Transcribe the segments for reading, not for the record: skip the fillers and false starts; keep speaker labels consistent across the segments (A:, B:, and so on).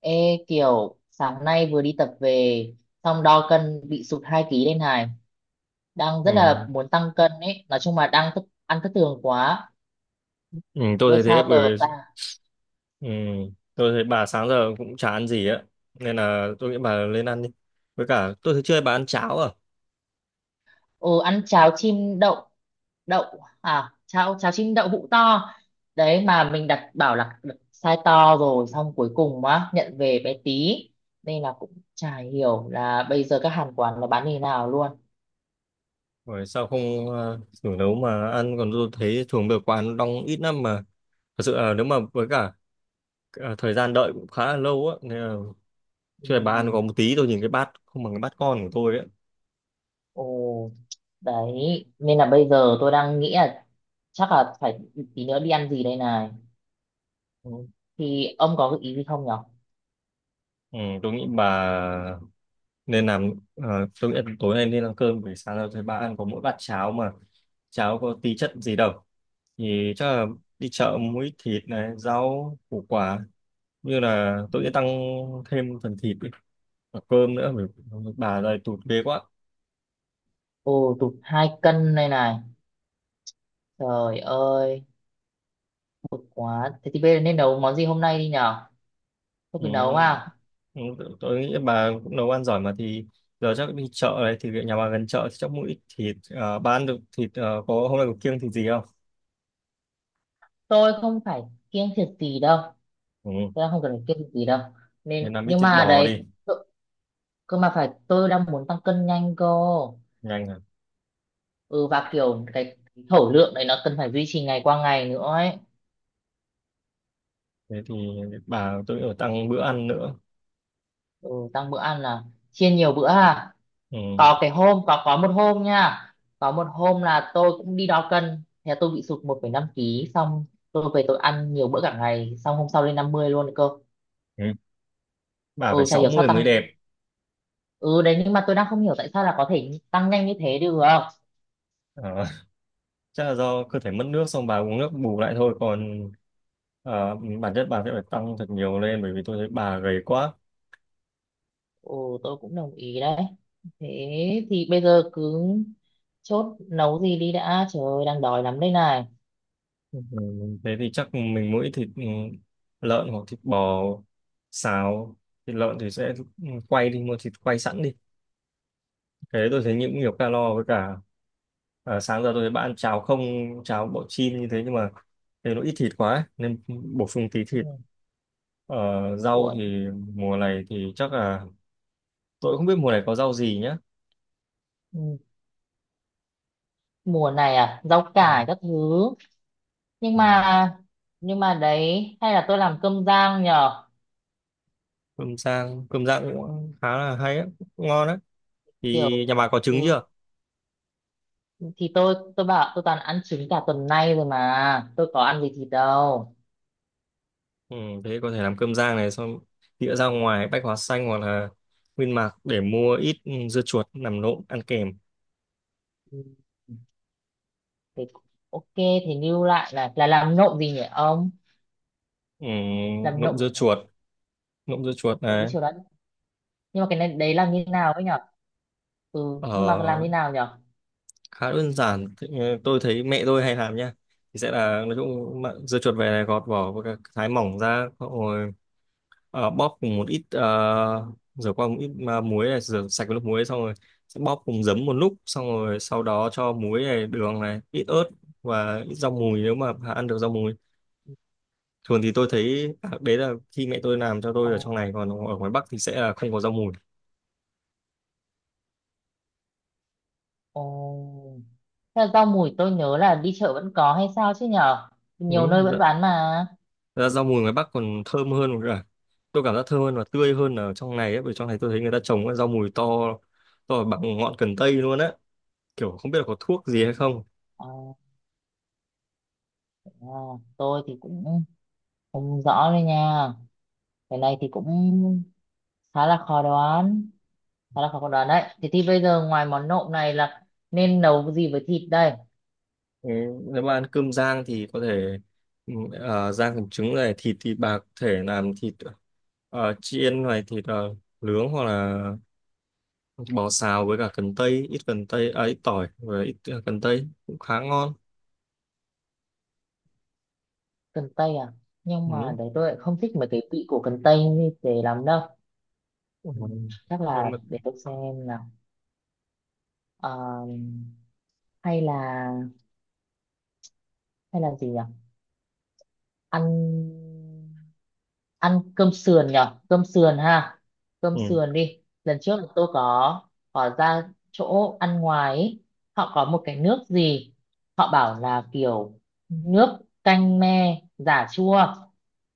A: Ê, kiểu sáng nay vừa đi tập về, xong đo cân bị sụt 2 ký lên này, đang rất là
B: Ừ.
A: muốn tăng cân ấy. Nói chung là đang thức, ăn thất thường quá.
B: Ừ,
A: Về
B: tôi thấy thế.
A: sao tờ
B: Bởi
A: ta.
B: vì ừ, tôi thấy bà sáng giờ cũng chả ăn gì á, nên là tôi nghĩ bà lên ăn đi. Với cả tôi thấy chưa, bà ăn cháo à?
A: Ừ, ăn cháo chim đậu, đậu à, cháo cháo chim đậu hũ to. Đấy mà mình đặt bảo là đặt size to rồi xong cuối cùng á nhận về bé tí, nên là cũng chả hiểu là bây giờ các hàng quán nó bán như thế nào luôn.
B: Rồi sao không thử nấu mà ăn? Còn tôi thấy thường được quán đông ít lắm mà, thật sự là. Nếu mà với cả thời gian đợi cũng khá là lâu á, nên là
A: Ừ.
B: chưa, bà ăn có một tí, tôi nhìn cái bát không bằng cái bát con của tôi ấy.
A: Ồ, đấy, nên là bây giờ tôi đang nghĩ là chắc là phải tí nữa đi ăn gì đây này. Thì ông có gợi ý gì không nhở?
B: Ừ, tôi nghĩ bà nên làm tôi nghĩ là tối nay nên ăn cơm. Buổi sáng rồi thấy bà ăn có mỗi bát cháo mà cháo có tí chất gì đâu, thì chắc là đi chợ mua ít thịt này, rau củ quả, như là tôi sẽ
A: Ừ.
B: tăng thêm phần thịt đi và cơm nữa, bởi bà đây tụt ghê quá.
A: Ồ, tụt 2 cân đây này. Trời ơi, quá. Thế thì bây giờ nên nấu món gì hôm nay đi nhở? Tôi
B: Ừ,
A: cứ nấu à?
B: ừ, tôi nghĩ bà cũng nấu ăn giỏi mà, thì giờ chắc đi chợ đấy, thì nhà bà gần chợ thì chắc mua ít thịt. Bà ăn được thịt, có hôm nay có kiêng thịt gì không?
A: Tôi không phải kiêng thịt gì đâu.
B: Ừ,
A: Tôi đang không cần phải kiêng thịt gì đâu.
B: nên
A: Nên,
B: làm ít
A: nhưng
B: thịt
A: mà
B: bò
A: đấy,
B: đi.
A: cơ cơ mà phải, tôi đang muốn tăng cân nhanh cơ.
B: Nhanh à?
A: Ừ, và kiểu cái thổ lượng đấy nó cần phải duy trì ngày qua ngày nữa ấy.
B: Thế thì bà, tôi ở, tăng bữa ăn nữa.
A: Ừ, tăng bữa ăn là chia nhiều bữa ha.
B: Ừ.
A: Có cái hôm có một hôm nha, có một hôm là tôi cũng đi đo cân, thế là tôi bị sụt 1,5 ký. Xong tôi về tôi ăn nhiều bữa cả ngày, xong hôm sau lên 50 luôn cơ.
B: Ừ. Bà
A: Ừ,
B: phải
A: chả
B: sáu
A: hiểu sao
B: mươi mới
A: tăng.
B: đẹp.
A: Ừ đấy, nhưng mà tôi đang không hiểu tại sao là có thể tăng nhanh như thế được.
B: Ờ, chắc là do cơ thể mất nước xong bà uống nước bù lại thôi. Còn bản chất bà sẽ phải tăng thật nhiều lên, bởi vì tôi thấy bà gầy quá.
A: Ừ, tôi cũng đồng ý đấy. Thế thì bây giờ cứ chốt nấu gì đi đã, trời ơi đang đói lắm đây này.
B: Ừ. Thế thì chắc mình mỗi thịt, lợn hoặc thịt bò xào. Thịt lợn thì sẽ quay, đi mua thịt quay sẵn đi, thế tôi thấy những nhiều calo. Với cả sáng giờ tôi thấy bạn ăn cháo không, cháo bọ chin như thế nhưng mà thấy nó ít thịt quá ấy, nên bổ sung tí
A: Ừ.
B: thịt. Ờ, Rau
A: Ủa,
B: thì mùa này thì chắc là tôi không biết mùa này có rau gì nhá.
A: ừ. Mùa này à, rau
B: Ừ.
A: cải các thứ. Nhưng mà nhưng mà đấy, hay là tôi làm cơm rang nhở?
B: Cơm rang, cơm rang cũng khá là hay ấy, cũng ngon đấy. Thì
A: Kiểu,
B: nhà bà có
A: ừ,
B: trứng chưa?
A: thì tôi bảo tôi toàn ăn trứng cả tuần nay rồi mà tôi có ăn gì thịt đâu.
B: Ừ, thế có thể làm cơm rang này, xong đĩa ra ngoài Bách Hóa Xanh hoặc là Nguyên Mạc để mua ít dưa chuột làm nộm ăn kèm.
A: Ừ. Thế, ok thì lưu lại là, làm nộm gì nhỉ ông?
B: Ừ,
A: Làm
B: nộm
A: nộm gì
B: dưa
A: nhỉ?
B: chuột, nộm dưa chuột
A: Nộm cái
B: này.
A: chiều đấy, nhưng mà cái này đấy làm như nào ấy nhở? Ừ, nhưng mà làm
B: Ờ,
A: như nào nhở?
B: khá đơn giản. Thế, tôi thấy mẹ tôi hay làm nha, thì sẽ là nói chung mà dưa chuột về này gọt vỏ với cả thái mỏng ra, xong rồi bóp cùng một ít, rửa qua một ít muối này, rửa sạch với nước muối xong rồi sẽ bóp cùng giấm một lúc, xong rồi sau đó cho muối này, đường này, ít ớt và ít rau mùi nếu mà ăn được rau mùi. Thường thì tôi thấy đấy là khi mẹ tôi làm cho tôi
A: Ồ.
B: ở trong này, còn ở ngoài Bắc thì sẽ là không có rau mùi.
A: Ồ. Thế là rau mùi tôi nhớ là đi chợ vẫn có hay sao chứ nhở?
B: Ừ,
A: Nhiều nơi vẫn bán mà.
B: thật ra rau mùi ngoài Bắc còn thơm hơn cả, tôi cảm giác thơm hơn và tươi hơn ở trong này ấy, bởi trong này tôi thấy người ta trồng cái rau mùi to, to bằng ngọn cần tây luôn á, kiểu không biết là có thuốc gì hay không.
A: Ờ, ờ, tôi thì cũng không rõ đấy nha. Cái này thì cũng khá là khó đoán, khá là khó đoán đấy. Thế thì bây giờ ngoài món nộm này là nên nấu cái gì với thịt đây?
B: Ừ, nếu mà ăn cơm rang thì có thể ừ, rang cùng trứng này, thịt thì bà có thể làm thịt chiên này, thịt nướng hoặc là bò xào với cả cần tây, ít cần tây, ít tỏi và ít cần tây cũng khá ngon.
A: Cần tây à? Nhưng mà
B: Ừ.
A: đấy tôi lại không thích mấy cái vị của cần tây như thế lắm đâu.
B: Ừ.
A: Ừ, chắc
B: Nhưng
A: là
B: mà,
A: để tôi xem nào. Ờ, hay là hay là gì nhỉ? Ăn ăn cơm sườn nhở? Cơm sườn ha, cơm
B: ừ.
A: sườn đi. Lần trước là tôi có, ra chỗ ăn ngoài ấy. Họ có một cái nước gì, họ bảo là kiểu nước canh me giả chua.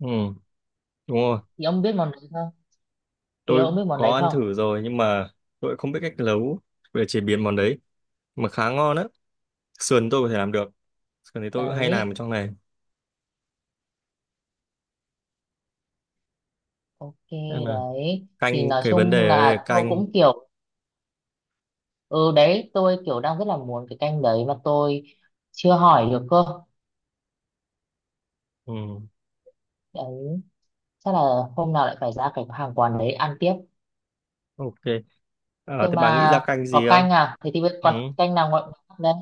B: Ừ. Đúng rồi.
A: Thì ông biết món đấy không? Thì
B: Tôi
A: ông biết món
B: có
A: đấy
B: ăn
A: không?
B: thử rồi nhưng mà tôi không biết cách nấu, về chế biến món đấy, mà khá ngon á. Sườn tôi có thể làm được, sườn thì tôi cũng hay làm ở
A: Đấy,
B: trong này,
A: ok.
B: nên là
A: Đấy thì
B: canh,
A: nói
B: cái vấn
A: chung
B: đề ở đây là
A: là tôi
B: canh.
A: cũng kiểu, ừ đấy tôi kiểu đang rất là muốn cái canh đấy mà tôi chưa hỏi được cơ.
B: Ừ,
A: Đấy chắc là hôm nào lại phải ra cái hàng quán đấy ăn tiếp.
B: ok. Ờ,
A: Cơ
B: thế bà nghĩ ra
A: mà
B: canh
A: có
B: gì
A: canh
B: không?
A: à? Thế thì bây-
B: Ừ.
A: còn canh nào ngoại món đấy?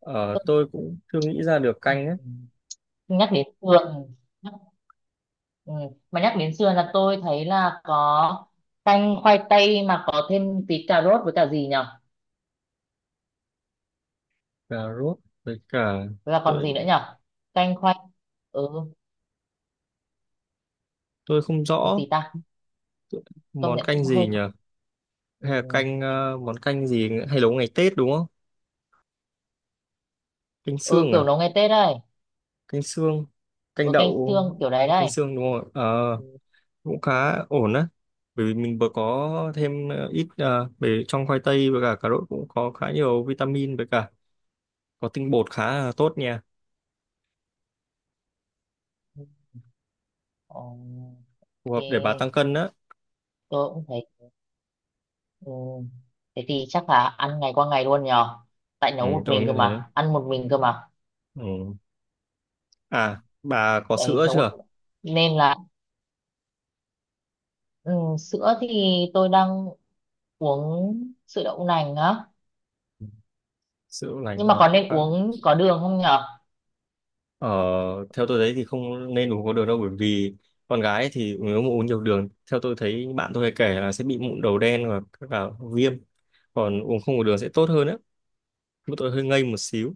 B: Ờ,
A: Tức-
B: tôi cũng chưa nghĩ ra được
A: à,
B: canh ấy.
A: nhắc đến sườn, nhắc, ừ. Mà nhắc đến sườn là tôi thấy là có canh khoai tây mà có thêm tí cà rốt với cả gì nhở?
B: Cà rốt với cả
A: Với cả còn gì
B: tôi
A: nữa nhở? Canh khoai, ừ,
B: tôi không
A: còn
B: rõ
A: gì ta? Công
B: món
A: nhận
B: canh
A: cũng
B: gì
A: hơi
B: nhỉ.
A: khó. Ừ.
B: Hay là canh món canh gì hay nấu ngày Tết đúng không? Canh
A: Ừ,
B: xương
A: kiểu
B: à?
A: nấu ngày Tết đây.
B: Canh xương, canh
A: Ừ, canh xương
B: đậu,
A: kiểu đấy
B: canh
A: đây.
B: xương đúng không ạ? Ờ,
A: Ừ.
B: cũng khá ổn á, bởi vì mình vừa có thêm ít, về trong khoai tây với cả cà rốt cũng có khá nhiều vitamin, với cả có tinh bột khá là tốt nha,
A: Ừ. Ồ,
B: phù
A: ok,
B: hợp để bà tăng cân á.
A: tôi cũng thấy. Ừ. Thế thì chắc là ăn ngày qua ngày luôn nhờ, tại
B: Ừ,
A: nấu một
B: tôi
A: mình
B: nghĩ
A: cơ
B: thế.
A: mà, ăn một mình cơ mà.
B: Ừ. À, bà có
A: Đấy
B: sữa
A: nấu
B: chưa?
A: một, nên là, ừ, sữa thì tôi đang uống sữa đậu nành á,
B: Sữa lành
A: nhưng
B: cũng
A: mà
B: là
A: có
B: cũng
A: nên
B: khá.
A: uống có đường không nhở?
B: ờ, Theo tôi thấy thì không nên uống có đường đâu, bởi vì con gái thì nếu mà uống nhiều đường, theo tôi thấy bạn tôi hay kể là sẽ bị mụn đầu đen và các cả viêm. Còn uống không có đường sẽ tốt hơn á. Bữa tôi hơi ngây một xíu.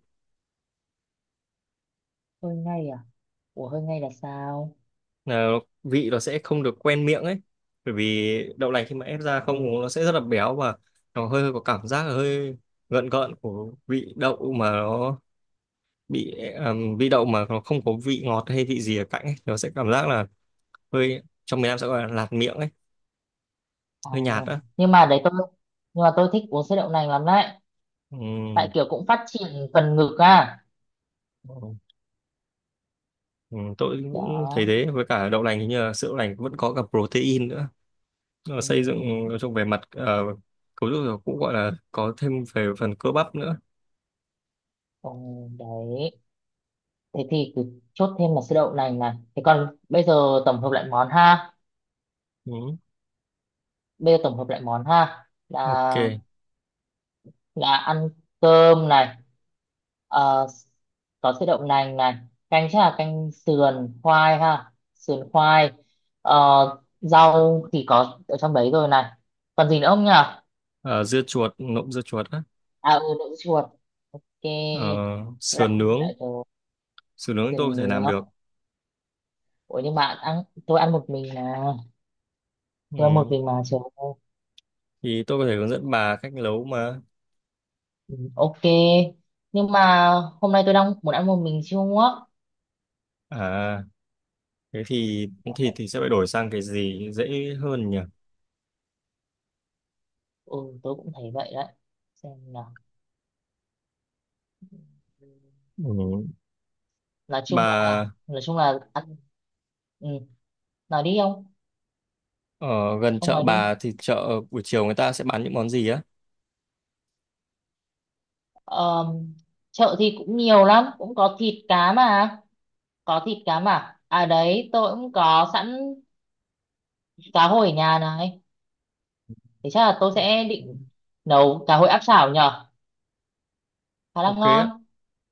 A: Hơi ngay à? Ủa, hơi ngay là sao?
B: Là vị nó sẽ không được quen miệng ấy, bởi vì đậu lành khi mà ép ra không
A: Ừ.
B: uống nó sẽ rất là béo, và nó hơi có cảm giác là hơi gợn gợn của vị đậu mà nó bị vị đậu mà nó không có vị ngọt hay vị gì ở cạnh ấy, nó sẽ cảm giác là hơi, trong miền Nam sẽ gọi là lạt miệng ấy,
A: À.
B: hơi nhạt á.
A: Nhưng mà đấy tôi, nhưng mà tôi thích uống sữa đậu nành lắm đấy, tại
B: Ừm,
A: kiểu cũng phát triển phần ngực à.
B: tôi cũng
A: Đó.
B: thấy thế. Với cả đậu lành hình như là sữa đậu lành vẫn có cả protein nữa, nó
A: Ừ.
B: xây dựng trong về mặt cấu trúc cũng gọi là có thêm về phần cơ bắp nữa.
A: Ừ, đấy thế thì cứ chốt thêm là sữa đậu nành này. Thế còn bây giờ tổng hợp lại món ha,
B: Ừm,
A: bây giờ tổng hợp lại món ha
B: ok.
A: là, ăn cơm này, ờ, có sữa đậu nành này, canh chắc là canh sườn khoai ha, sườn khoai, ờ, rau thì có ở trong đấy rồi này, còn gì nữa không nhỉ à?
B: Ờ, dưa chuột, nộm dưa chuột á.
A: Ừ, đậu chuột ok.
B: Ờ,
A: Tôi
B: sườn
A: đang
B: nướng,
A: lại rồi.
B: sườn nướng tôi có
A: Sườn
B: thể
A: nướng.
B: làm được.
A: Ủa nhưng mà ăn, tôi ăn một mình mà, tôi ăn một
B: Ừ.
A: mình mà, trời ơi.
B: Thì tôi có thể hướng dẫn bà cách nấu mà.
A: Ừ, ok. Nhưng mà hôm nay tôi đang muốn ăn một mình siêu ngốc.
B: À, thế thì thì sẽ phải đổi sang cái gì dễ hơn nhỉ?
A: Ừ, tôi cũng thấy vậy đấy. Xem nào.
B: Ừ.
A: nói chung là
B: Bà
A: nói chung là ăn. Ừ, nói đi ông.
B: ở gần
A: Ông
B: chợ,
A: nói đi.
B: bà thì chợ buổi chiều người ta sẽ bán những món gì á?
A: Ờm, Chợ thì cũng nhiều lắm, cũng có thịt cá mà, có thịt cá mà. À đấy tôi cũng có sẵn cá hồi ở nhà này, thế chắc là tôi
B: Ok.
A: sẽ định nấu cá hồi áp chảo nhở, khá là
B: Ok
A: ngon.
B: á.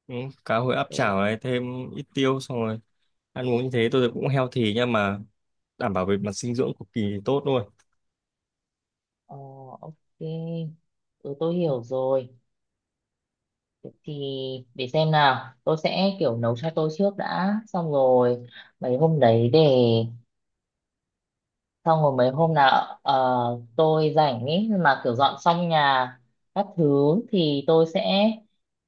B: Ừ. Cá hồi áp chảo
A: Ừ,
B: này, thêm ít tiêu xong rồi ăn uống như thế, tôi cũng healthy, nhưng mà đảm bảo về mặt dinh dưỡng cực kỳ tốt luôn.
A: ờ, ok. Ừ, tôi hiểu rồi. Thì để xem nào, tôi sẽ kiểu nấu cho tôi trước đã, xong rồi mấy hôm đấy để, xong rồi mấy hôm nào tôi rảnh ý mà, kiểu dọn xong nhà các thứ thì tôi sẽ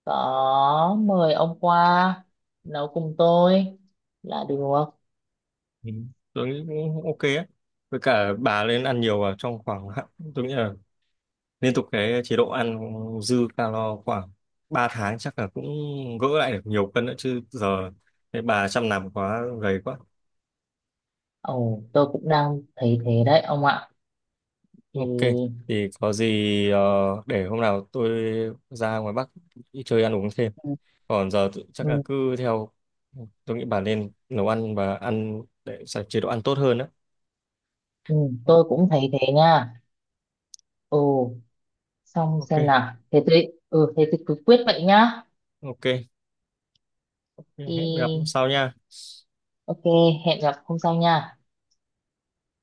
A: có mời ông qua nấu cùng tôi là được.
B: Ừ, tôi nghĩ cũng ok á. Với cả bà lên ăn nhiều vào trong khoảng hạn-, tôi nghĩ là liên tục cái chế độ ăn dư calo khoảng 3 tháng chắc là cũng gỡ lại được nhiều cân nữa, chứ giờ cái bà chăm nằm quá, gầy quá.
A: Ồ, tôi cũng đang thấy thế đấy ông ạ.
B: Ok.
A: Thì.
B: Thì có gì ờ, để hôm nào tôi ra ngoài Bắc đi chơi ăn uống thêm.
A: Ừ.
B: Còn giờ tự-, chắc là
A: Ừ,
B: cứ theo, tôi nghĩ bà nên nấu ăn và ăn để sạch chế độ ăn tốt hơn đó.
A: ừ, tôi cũng thấy thế nha. Ồ, xong
B: Ok.
A: xem nào thế tôi, thế tôi cứ quyết vậy nhá.
B: Ok. Hẹn gặp
A: Thì
B: sau nha.
A: ok, hẹn gặp hôm sau nha.